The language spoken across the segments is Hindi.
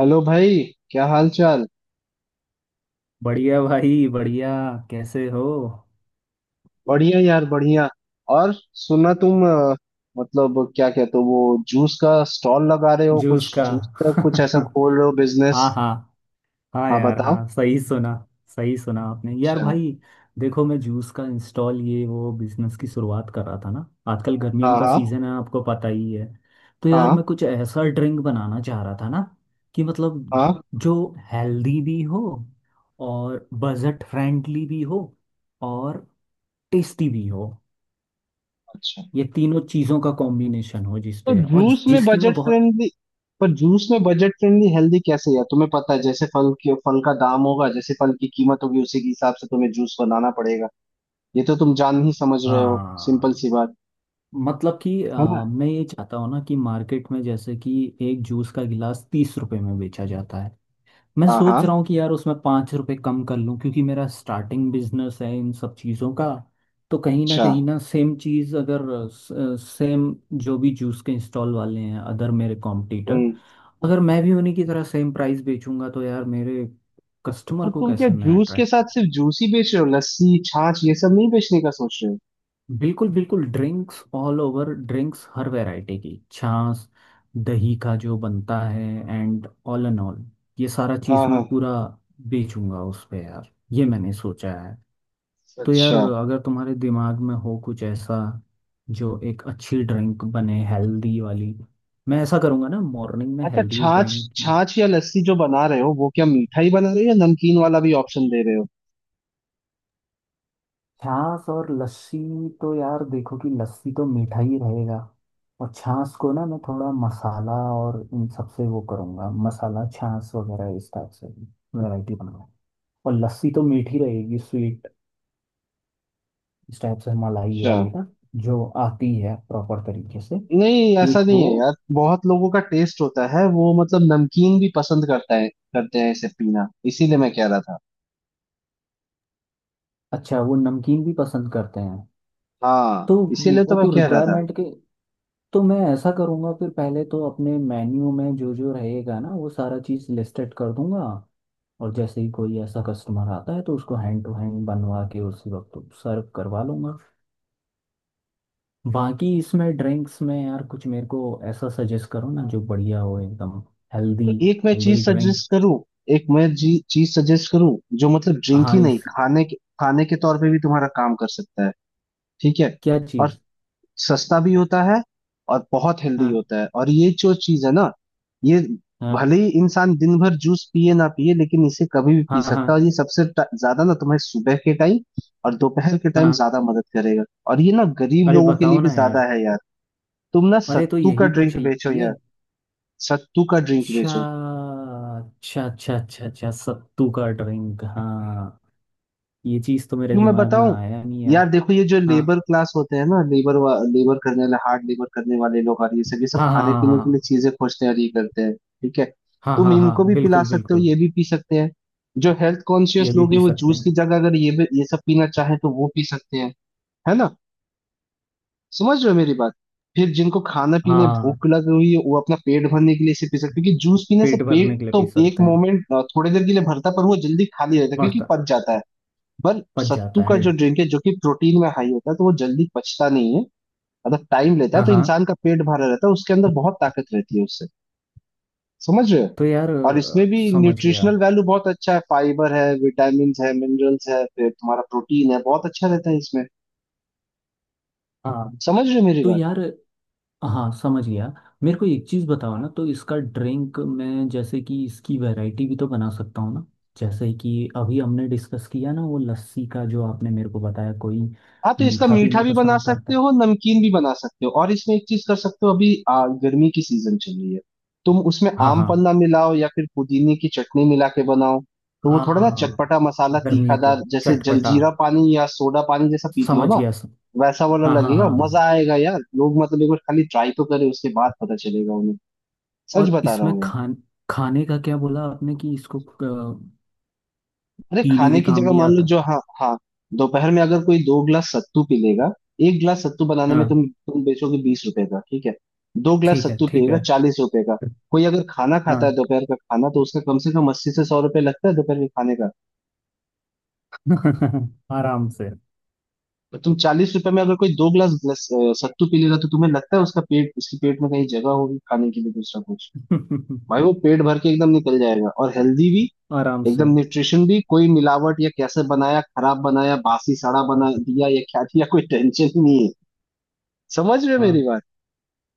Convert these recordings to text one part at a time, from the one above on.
हेलो भाई, क्या हाल चाल। बढ़िया भाई, बढ़िया। कैसे हो? बढ़िया यार बढ़िया। और सुना तुम मतलब क्या कहते हो, वो जूस का स्टॉल लगा रहे हो, जूस कुछ का जूस का कुछ ऐसा खोल रहे हो बिजनेस। हाँ हाँ। हाँ हाँ यार, बताओ। हाँ, सही सुना। सही सुना आपने यार अच्छा। भाई। देखो, मैं जूस का इंस्टॉल ये वो बिजनेस की शुरुआत कर रहा था ना। आजकल हाँ गर्मियों का हाँ। सीजन है, आपको पता ही है। तो यार हाँ मैं कुछ ऐसा ड्रिंक बनाना चाह रहा था ना कि मतलब हाँ। जो हेल्दी भी हो, और बजट फ्रेंडली भी हो, और टेस्टी भी हो। अच्छा। ये तीनों चीज़ों का कॉम्बिनेशन हो तो जिसपे और जूस में जिसकी मैं बजट बहुत। फ्रेंडली, पर जूस में बजट फ्रेंडली हेल्दी कैसे यार? तुम्हें पता है जैसे फल के फल का दाम होगा, जैसे फल की कीमत होगी उसी के हिसाब से तुम्हें जूस बनाना पड़ेगा। ये तो तुम जान ही समझ रहे हो। सिंपल हाँ। सी बात मतलब कि है ना। मैं ये चाहता हूँ ना कि मार्केट में जैसे कि एक जूस का गिलास 30 रुपए में बेचा जाता है। मैं हाँ सोच रहा हाँ। हूँ कि यार उसमें 5 रुपए कम कर लूँ, क्योंकि मेरा स्टार्टिंग बिजनेस है इन सब चीज़ों का। तो अच्छा। कहीं ना सेम चीज़ अगर सेम, जो भी जूस के स्टॉल वाले हैं अदर मेरे कॉम्पिटिटर, हम्म। अगर मैं भी उन्हीं की तरह सेम प्राइस बेचूंगा तो यार मेरे कस्टमर और को तुम क्या कैसे मैं जूस के अट्रैक्ट। साथ सिर्फ जूस ही बेच रहे हो, लस्सी छाछ ये सब नहीं बेचने का सोच रहे हो? बिल्कुल बिल्कुल, ड्रिंक्स ऑल ओवर, ड्रिंक्स हर वैरायटी की, छाछ, दही का जो बनता है, एंड एंड ऑल ये सारा चीज़ हाँ हाँ। मैं पूरा बेचूंगा उस पे यार, ये मैंने सोचा है। तो यार अच्छा। अगर तुम्हारे दिमाग में हो कुछ ऐसा जो एक अच्छी ड्रिंक बने, हेल्दी वाली। मैं ऐसा करूंगा ना, मॉर्निंग में अच्छा हेल्दी छाछ ड्रिंक, छाछ या लस्सी जो बना रहे हो वो क्या मीठा ही बना रहे हो या नमकीन वाला भी ऑप्शन दे रहे हो? छाछ और लस्सी। तो यार देखो कि लस्सी तो मीठा ही रहेगा, और छाछ को ना मैं थोड़ा मसाला और इन सबसे वो करूँगा, मसाला छाछ वगैरह इस टाइप से वैरायटी बनाऊंगा। और लस्सी तो मीठी रहेगी, स्वीट, इस टाइप से, मलाई अच्छा। वाली ना, जो आती है प्रॉपर तरीके से। नहीं ऐसा एक नहीं वो। है यार, बहुत लोगों का टेस्ट होता है, वो मतलब नमकीन भी पसंद करता है, करते हैं इसे पीना। इसीलिए मैं कह रहा था। अच्छा, वो नमकीन भी पसंद करते हैं, तो हाँ इसीलिए वो तो मैं तो कह रहा था। रिक्वायरमेंट के। तो मैं ऐसा करूँगा फिर। पहले तो अपने मेन्यू में जो जो रहेगा ना, वो सारा चीज़ लिस्टेड कर दूंगा, और जैसे ही कोई ऐसा कस्टमर आता है तो उसको हैंड टू हैंड बनवा के उसी वक्त सर्व करवा लूंगा। बाकी इसमें ड्रिंक्स में यार कुछ मेरे को ऐसा सजेस्ट करो ना, जो बढ़िया हो एकदम, तो हेल्दी, एक मैं हेल्दी चीज ड्रिंक। सजेस्ट करूँ, एक मैं जी चीज सजेस्ट करूँ जो मतलब ड्रिंक हाँ ही नहीं, इस। खाने के खाने के तौर पे भी तुम्हारा काम कर सकता है। ठीक है। क्या और चीज़? सस्ता भी होता है और बहुत हेल्दी हाँ होता है, और ये जो चीज है ना, ये हाँ भले ही इंसान दिन भर जूस पिए ना पिए लेकिन इसे कभी भी पी हाँ सकता है, हाँ और ये सबसे ज्यादा ना तुम्हें सुबह के टाइम और दोपहर के टाइम हाँ। ज्यादा मदद करेगा। और ये ना गरीब अरे लोगों के बताओ लिए भी ना ज्यादा यार। है यार। तुम ना अरे तो सत्तू का यही तो ड्रिंक बेचो चाहिए। यार, सत्तू का ड्रिंक अच्छा। बेचो। अच्छा अच्छा अच्छा अच्छा, सत्तू का ड्रिंक, हाँ। ये चीज़ तो मेरे क्यों मैं दिमाग में बताऊं। आया नहीं यार यार। देखो ये जो हाँ लेबर क्लास होते हैं ना, लेबर लेबर करने वाले, हार्ड लेबर करने वाले लोग और ये सब, ये सब हाँ हाँ खाने हाँ। पीने के हाँ लिए चीजें खोजते हैं और ये करते हैं। ठीक है। हाँ तुम हाँ हाँ, इनको भी पिला बिल्कुल सकते हो, बिल्कुल। ये भी पी सकते हैं। जो हेल्थ कॉन्शियस ये भी लोग पी हैं वो सकते जूस हैं। की जगह अगर ये भी ये सब पीना चाहे तो वो पी सकते हैं। है ना। समझ रहे हो मेरी बात। फिर जिनको खाना पीने हाँ, भूख लगी हुई है वो अपना पेट भरने के लिए इसे पी सकते हैं क्योंकि जूस पीने से पेट पेट भरने के लिए तो पी एक सकते हैं। मोमेंट, थोड़ी देर के लिए भरता है, पर वो जल्दी खाली रहता है क्योंकि बढ़ता। पच जाता है। पर पच सत्तू जाता का है। जो ड्रिंक है, जो कि प्रोटीन में हाई होता है, तो वो जल्दी पचता नहीं है, मतलब टाइम लेता है, हाँ तो हाँ। इंसान का पेट भरा रहता है, उसके अंदर बहुत ताकत रहती है उससे। समझ रहे हो। तो यार और इसमें भी समझ गया। न्यूट्रिशनल वैल्यू बहुत अच्छा है, फाइबर है, विटामिन है, मिनरल्स है, फिर तुम्हारा प्रोटीन है, बहुत अच्छा रहता है इसमें। हाँ। समझ रहे हो मेरी तो बात। यार। हाँ, समझ गया। मेरे को एक चीज़ बताओ ना, तो इसका ड्रिंक मैं जैसे कि इसकी वैरायटी भी तो बना सकता हूँ ना? जैसे कि अभी हमने डिस्कस किया ना, वो लस्सी का जो आपने मेरे को बताया, कोई हाँ तो इसका मीठा मीठा पीना भी बना पसंद करता सकते है। हो, नमकीन भी बना सकते हो, और इसमें एक चीज कर सकते हो, अभी गर्मी की सीजन चल रही है। तुम उसमें हाँ आम हाँ पन्ना मिलाओ या फिर पुदीने की चटनी मिला के बनाओ, तो वो थोड़ा ना हाँ, चटपटा मसाला गर्मियों के, तीखादार, जैसे चटपटा, जलजीरा पानी या सोडा पानी जैसा पीते हो समझ ना, गया, वैसा वाला हाँ हाँ लगेगा। हाँ। मजा आएगा यार, लोग मतलब एक बार खाली ट्राई तो करे, उसके बाद पता चलेगा उन्हें। सच और बता रहा इसमें हूँ यार। खान, खाने का क्या बोला आपने कि इसको अरे पीने खाने के की काम जगह भी मान लो आता है। जो, हाँ हाँ, दोपहर में अगर कोई दो गिलास सत्तू पी लेगा, एक गिलास सत्तू बनाने में हाँ। तुम बेचोगे 20 रुपए का, ठीक है। दो गिलास ठीक है सत्तू ठीक पिएगा है। 40 रुपए का। कोई अगर खाना खाता है, हाँ। दोपहर का खाना, तो उसका कम से कम 80 से 100 रुपए लगता है दोपहर के खाने का। आराम से। तो तुम 40 रुपए में अगर कोई दो गिलास ग्लास सत्तू पी लेगा, तो तुम्हें लगता है उसका पेट, उसके पेट में कहीं जगह होगी खाने के लिए दूसरा कुछ? भाई वो पेट भर के एकदम निकल जाएगा, और हेल्दी भी, आराम से। एकदम न्यूट्रिशन भी, कोई मिलावट या कैसे बनाया, खराब बनाया, बासी सड़ा बना दिया या क्या दिया, कोई टेंशन ही नहीं है। समझ रहे हो मेरी हाँ बात।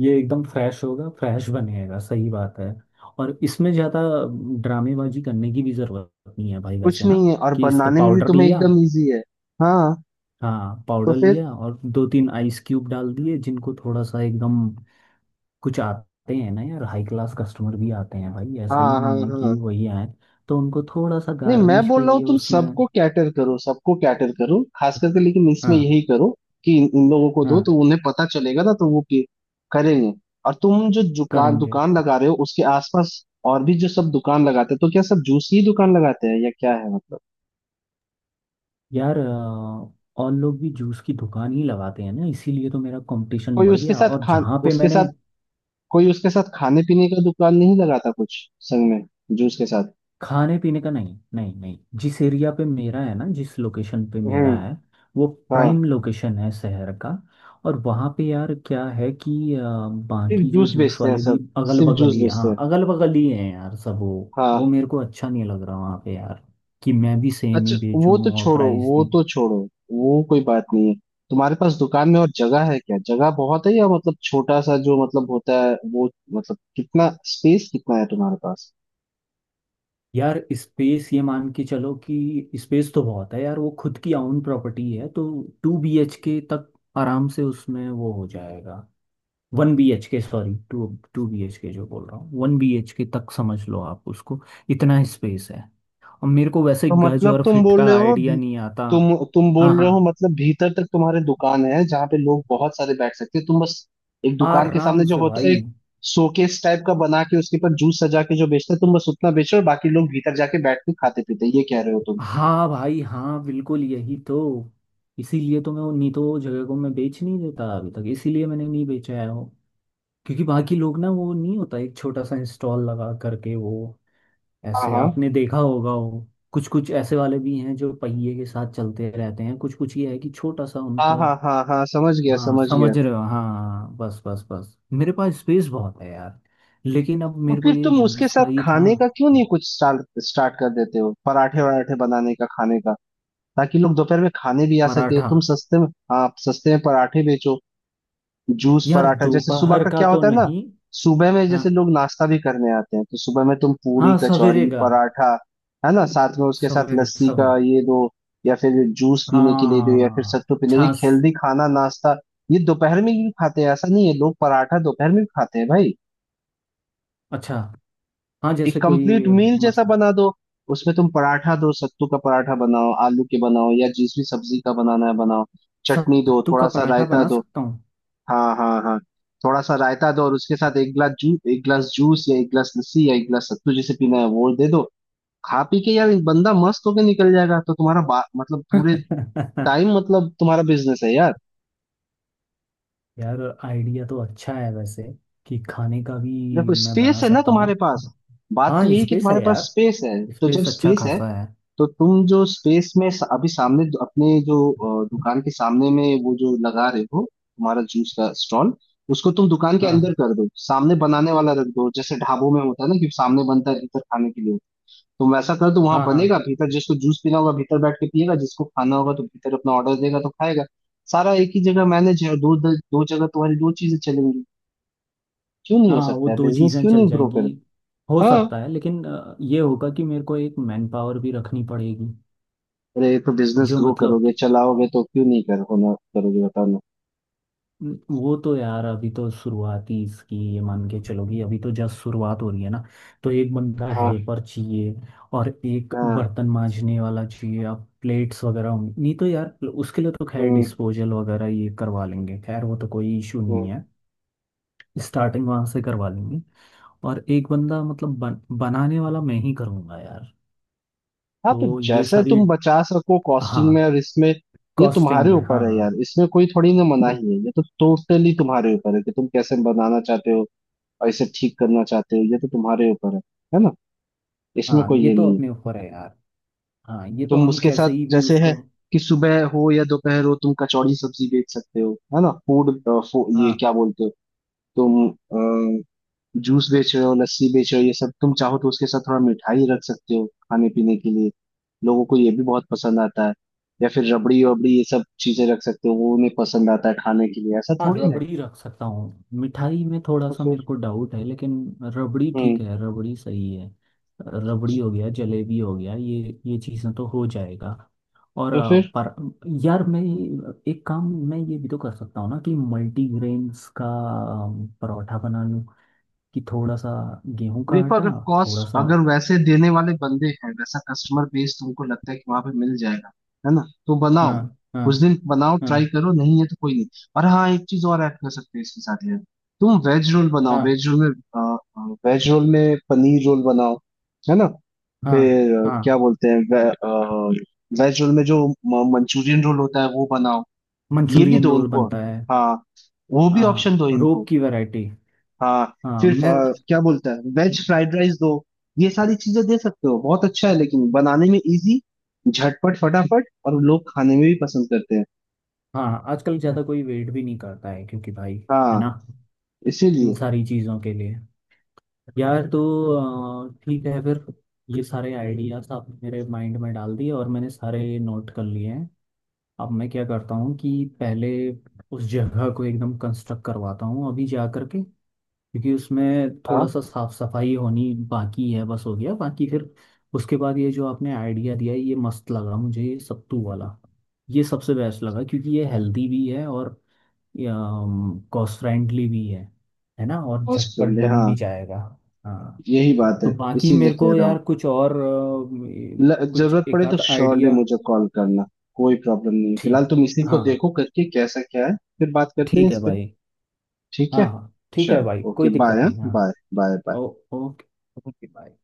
ये एकदम फ्रेश होगा, फ्रेश बनेगा, सही बात है। और इसमें ज़्यादा ड्रामेबाजी करने की भी ज़रूरत नहीं है भाई कुछ वैसे नहीं ना, है, और कि इसका बनाने में भी पाउडर तुम्हें लिया, एकदम इजी है। हाँ। हाँ, तो पाउडर फिर। लिया और दो तीन आइस क्यूब डाल दिए, जिनको थोड़ा सा एकदम। कुछ आते हैं ना यार, हाई क्लास कस्टमर भी आते हैं भाई, ऐसा ही हाँ हाँ नहीं है कि हाँ। वही आए। तो उनको थोड़ा सा नहीं मैं गार्निश बोल के रहा हूँ लिए तुम उसमें। सबको कैटर करो, सबको कैटर करो खास करके, लेकिन इसमें हाँ यही करो कि इन इन लोगों को दो तो हाँ। उन्हें पता चलेगा ना, तो वो करेंगे। और तुम जो दुकान करेंगे। दुकान लगा रहे हो उसके आसपास और भी जो सब दुकान लगाते हैं, तो क्या सब जूस की दुकान लगाते हैं या क्या है मतलब? यार और लोग भी जूस की दुकान ही लगाते हैं ना, इसीलिए तो मेरा कंपटीशन कोई बढ़ उसके गया। साथ और खा, जहाँ पे उसके मैंने साथ, कोई उसके साथ खाने पीने का दुकान नहीं लगाता कुछ, संग में, जूस के साथ? खाने पीने का, नहीं नहीं नहीं, जिस एरिया पे मेरा है ना, जिस लोकेशन पे मेरा हम्म। है, वो हाँ। प्राइम लोकेशन है शहर का। और वहाँ पे यार क्या है कि सिर्फ बाकी जो जूस जूस बेचते हैं वाले भी सब, अगल सिर्फ बगल जूस ही, बेचते हाँ, हैं। अगल बगल ही हैं यार सब वो। वो हाँ। मेरे को अच्छा नहीं लग रहा वहाँ पे यार, कि मैं भी सेम अच्छा ही वो तो बेचूं और छोड़ो, प्राइस वो भी। तो छोड़ो, वो कोई बात नहीं है। तुम्हारे पास दुकान में और जगह है क्या, जगह बहुत है या मतलब छोटा सा जो मतलब होता है वो, मतलब कितना स्पेस कितना है तुम्हारे पास? यार स्पेस, ये मान के चलो कि स्पेस तो बहुत है यार, वो खुद की आउन प्रॉपर्टी है। तो 2BHK तक आराम से उसमें वो हो जाएगा। 1BHK, सॉरी, टू, 2BHK जो बोल रहा हूँ, 1BHK तक समझ लो आप उसको। इतना स्पेस है। और मेरे को वैसे तो गज मतलब और तुम फिट बोल का रहे हो आइडिया नहीं आता। तुम हाँ बोल रहे हो हाँ, मतलब भीतर तक तुम्हारे दुकान है जहाँ पे लोग बहुत सारे बैठ सकते हैं, तुम बस एक दुकान के सामने आराम जो से होता है, भाई। एक शोकेस टाइप का बना के उसके ऊपर जूस सजा के जो बेचते हैं, तुम बस उतना बेचो, और बाकी लोग भीतर जाके बैठ के खाते पीते हैं। ये कह रहे हो तुम? हाँ भाई, हाँ, बिल्कुल, यही तो। इसीलिए तो मैं वो, नहीं, तो वो जगह को मैं बेच नहीं देता अभी तक, इसीलिए मैंने नहीं बेचा है वो। क्योंकि बाकी लोग ना वो नहीं होता, एक छोटा सा इंस्टॉल लगा करके वो, हाँ ऐसे हाँ आपने देखा होगा, वो कुछ कुछ ऐसे वाले भी हैं जो पहिए के साथ चलते रहते हैं, कुछ कुछ ये है कि छोटा सा उनका। हाँ हाँ हाँ हाँ, समझ गया, हाँ समझ गया। समझ रहे हो, हाँ हाँ, हाँ, बस बस बस, मेरे पास स्पेस बहुत है यार। लेकिन अब तो मेरे को फिर ये तुम उसके जूस का साथ ही था। खाने का क्यों नहीं कुछ स्टार्ट स्टार्ट कर देते हो, पराठे वराठे बनाने का, खाने का, ताकि लोग दोपहर में खाने भी आ सके, पराठा? तुम सस्ते में। हाँ सस्ते में पराठे बेचो। जूस यार पराठा, जैसे सुबह दोपहर का का क्या तो होता है ना, नहीं, सुबह में हाँ जैसे लोग नाश्ता भी करने आते हैं, तो सुबह में तुम पूरी हाँ, सवेरे कचौरी का, पराठा, है ना, साथ में उसके साथ सवेरे लस्सी सवेरे, का, ये दो, या फिर जूस पीने के लिए दो, या फिर हाँ, सत्तू पीने, ये छाछ। हेल्दी खाना नाश्ता। ये दोपहर में भी खाते हैं, ऐसा नहीं है, लोग पराठा दोपहर में भी खाते हैं भाई। अच्छा, हाँ, जैसे एक कंप्लीट कोई मील जैसा मतलब। बना दो। उसमें तुम पराठा दो, सत्तू का पराठा बनाओ, आलू के बनाओ, या जिस भी सब्जी का बनाना है बनाओ। चटनी दो, सत्तू का थोड़ा सा पराठा रायता बना दो। सकता हूँ। हाँ हाँ हाँ। थोड़ा सा रायता दो और उसके साथ एक गिलास जूस, एक गिलास जूस या एक गिलास लस्सी या एक गिलास सत्तू, जिसे पीना है वो दे दो। खा पी के यार बंदा मस्त होके निकल जाएगा, तो तुम्हारा मतलब पूरे टाइम, मतलब तुम्हारा बिजनेस है यार। यार आइडिया तो अच्छा है वैसे, कि खाने का भी देखो मैं बना स्पेस है ना सकता तुम्हारे हूँ। पास, बात हाँ तो यही कि स्पेस तुम्हारे है पास यार, स्पेस है, तो जब स्पेस अच्छा स्पेस है, खासा है। तो तुम जो स्पेस में अभी सामने अपने जो दुकान के सामने में वो जो लगा रहे हो तुम्हारा जूस का स्टॉल, उसको तुम दुकान के अंदर हाँ कर दो, सामने बनाने वाला रख दो, जैसे ढाबों में होता है ना कि सामने बनता है, भीतर खाने के लिए, तुम वैसा कर दो। वहां हाँ बनेगा, हाँ भीतर जिसको जूस पीना होगा भीतर बैठ के पिएगा, जिसको खाना होगा तो भीतर अपना ऑर्डर देगा तो खाएगा। सारा एक ही जगह मैनेज है और दो दो जगह तुम्हारी दो चीजें चलेंगी। क्यों नहीं हो हाँ, वो सकता है दो बिजनेस, चीज़ें क्यों चल नहीं ग्रो जाएंगी। कर। हो हाँ। सकता है, लेकिन ये होगा कि मेरे को एक मैन पावर भी रखनी पड़ेगी। अरे तो बिजनेस जो ग्रो मतलब, करोगे चलाओगे तो क्यों नहीं कर होना, करोगे बताना। वो तो यार अभी तो शुरुआती इसकी, ये मान के चलो कि अभी तो जस्ट शुरुआत हो रही है ना। तो एक बंदा हेल्पर चाहिए, और एक हाँ। बर्तन मांजने वाला चाहिए। अब प्लेट्स वगैरह होंगी नहीं तो यार उसके लिए तो खैर हम्म। डिस्पोजल वगैरह ये करवा लेंगे, खैर वो तो कोई इशू हम्म। नहीं है। स्टार्टिंग वहां से करवा लेंगे। और एक बंदा मतलब बनाने वाला मैं ही करूँगा यार। हाँ तो तो ये जैसे सारी, तुम बचा सको कॉस्टिंग में हाँ, और इसमें, ये कॉस्टिंग तुम्हारे में, ऊपर है यार, हाँ। इसमें कोई थोड़ी ना मनाही है, ये तो टोटली तुम्हारे ऊपर है कि तुम कैसे बनाना चाहते हो और इसे ठीक करना चाहते हो, ये तो तुम्हारे ऊपर है। है ना। इसमें हाँ, कोई ये ये तो नहीं है। अपने ऊपर है यार। हाँ, ये तो तुम हम उसके कैसे साथ ही भी जैसे है उसको। कि सुबह हो या दोपहर हो, तुम कचौड़ी सब्जी बेच सकते हो, है ना, फूड, ये हाँ क्या बोलते हो तुम। जूस बेच रहे हो, लस्सी बेच रहे हो, ये सब, तुम चाहो तो उसके साथ थोड़ा मिठाई रख सकते हो खाने पीने के लिए, लोगों को ये भी बहुत पसंद आता है, या फिर रबड़ी वबड़ी ये सब चीजें रख सकते हो, वो उन्हें पसंद आता है खाने के लिए, ऐसा हाँ, थोड़ी है। रबड़ी रख सकता हूँ, मिठाई में थोड़ा तो सा मेरे फिर। को डाउट है, लेकिन रबड़ी ठीक हम्म। है, रबड़ी सही है। रबड़ी हो गया, जलेबी हो गया, ये चीज़ें तो हो जाएगा। और तो फिर पर यार मैं, एक काम मैं ये भी तो कर सकता हूँ ना कि मल्टीग्रेन्स का परोठा बना लूँ, कि थोड़ा सा गेहूं का देखो आटा, अगर थोड़ा कॉस्ट सा। अगर वैसे देने वाले बंदे हैं, वैसा कस्टमर बेस तुमको लगता है कि वहां पे मिल जाएगा, है ना, तो बनाओ। हाँ कुछ हाँ दिन बनाओ, ट्राई हाँ करो, नहीं है तो कोई नहीं। और हाँ एक चीज और ऐड कर सकते हैं इसके साथ यार, तुम वेज रोल बनाओ, हाँ वेज रोल में, वेज रोल में पनीर रोल बनाओ, है ना, हाँ फिर हाँ। क्या बोलते हैं वेज रोल में जो मंचूरियन रोल होता है वो बनाओ, ये भी मंचूरियन दो रोल उनको। बनता है। हाँ। वो भी ऑप्शन हाँ, दो रोप इनको। की वैरायटी। हाँ। हाँ सिर्फ मैं। क्या बोलता है, वेज फ्राइड राइस दो। ये सारी चीजें दे सकते हो, बहुत अच्छा है लेकिन बनाने में इजी, झटपट फटाफट, और लोग खाने में भी पसंद करते हैं। हाँ, आजकल ज़्यादा कोई वेट भी नहीं करता है क्योंकि भाई, है ना, हाँ। इन इसीलिए। सारी चीज़ों के लिए। यार, तो ठीक है फिर, ये सारे आइडियाज़ आपने मेरे माइंड में डाल दिए और मैंने सारे नोट कर लिए हैं। अब मैं क्या करता हूँ कि पहले उस जगह को एकदम कंस्ट्रक्ट करवाता हूँ अभी जा करके, क्योंकि उसमें थोड़ा हाँ। सा साफ सफाई होनी बाकी है, बस हो गया बाकी। फिर उसके बाद, ये जो आपने आइडिया दिया है, ये मस्त लगा मुझे, ये सत्तू वाला, ये सबसे बेस्ट लगा, क्योंकि ये हेल्दी भी है और कॉस्ट फ्रेंडली भी है ना, और झटपट हॉस्पिटल बन हाँ। भी जाएगा। हाँ। यही बात तो है, बाकी इसीलिए मेरे कह को रहा हूँ। यार कुछ और ये, कुछ जरूरत एक पड़े तो आध श्योरली आइडिया। मुझे कॉल करना, कोई प्रॉब्लम नहीं। ठीक। फिलहाल तुम इसी को हाँ देखो करके कैसा क्या है, फिर बात करते हैं ठीक है इस पे। भाई। ठीक हाँ है। हाँ ठीक है चल भाई, ओके कोई दिक्कत बाय, हाँ नहीं, हाँ। Bye bye bye. Oh, okay, okay bye.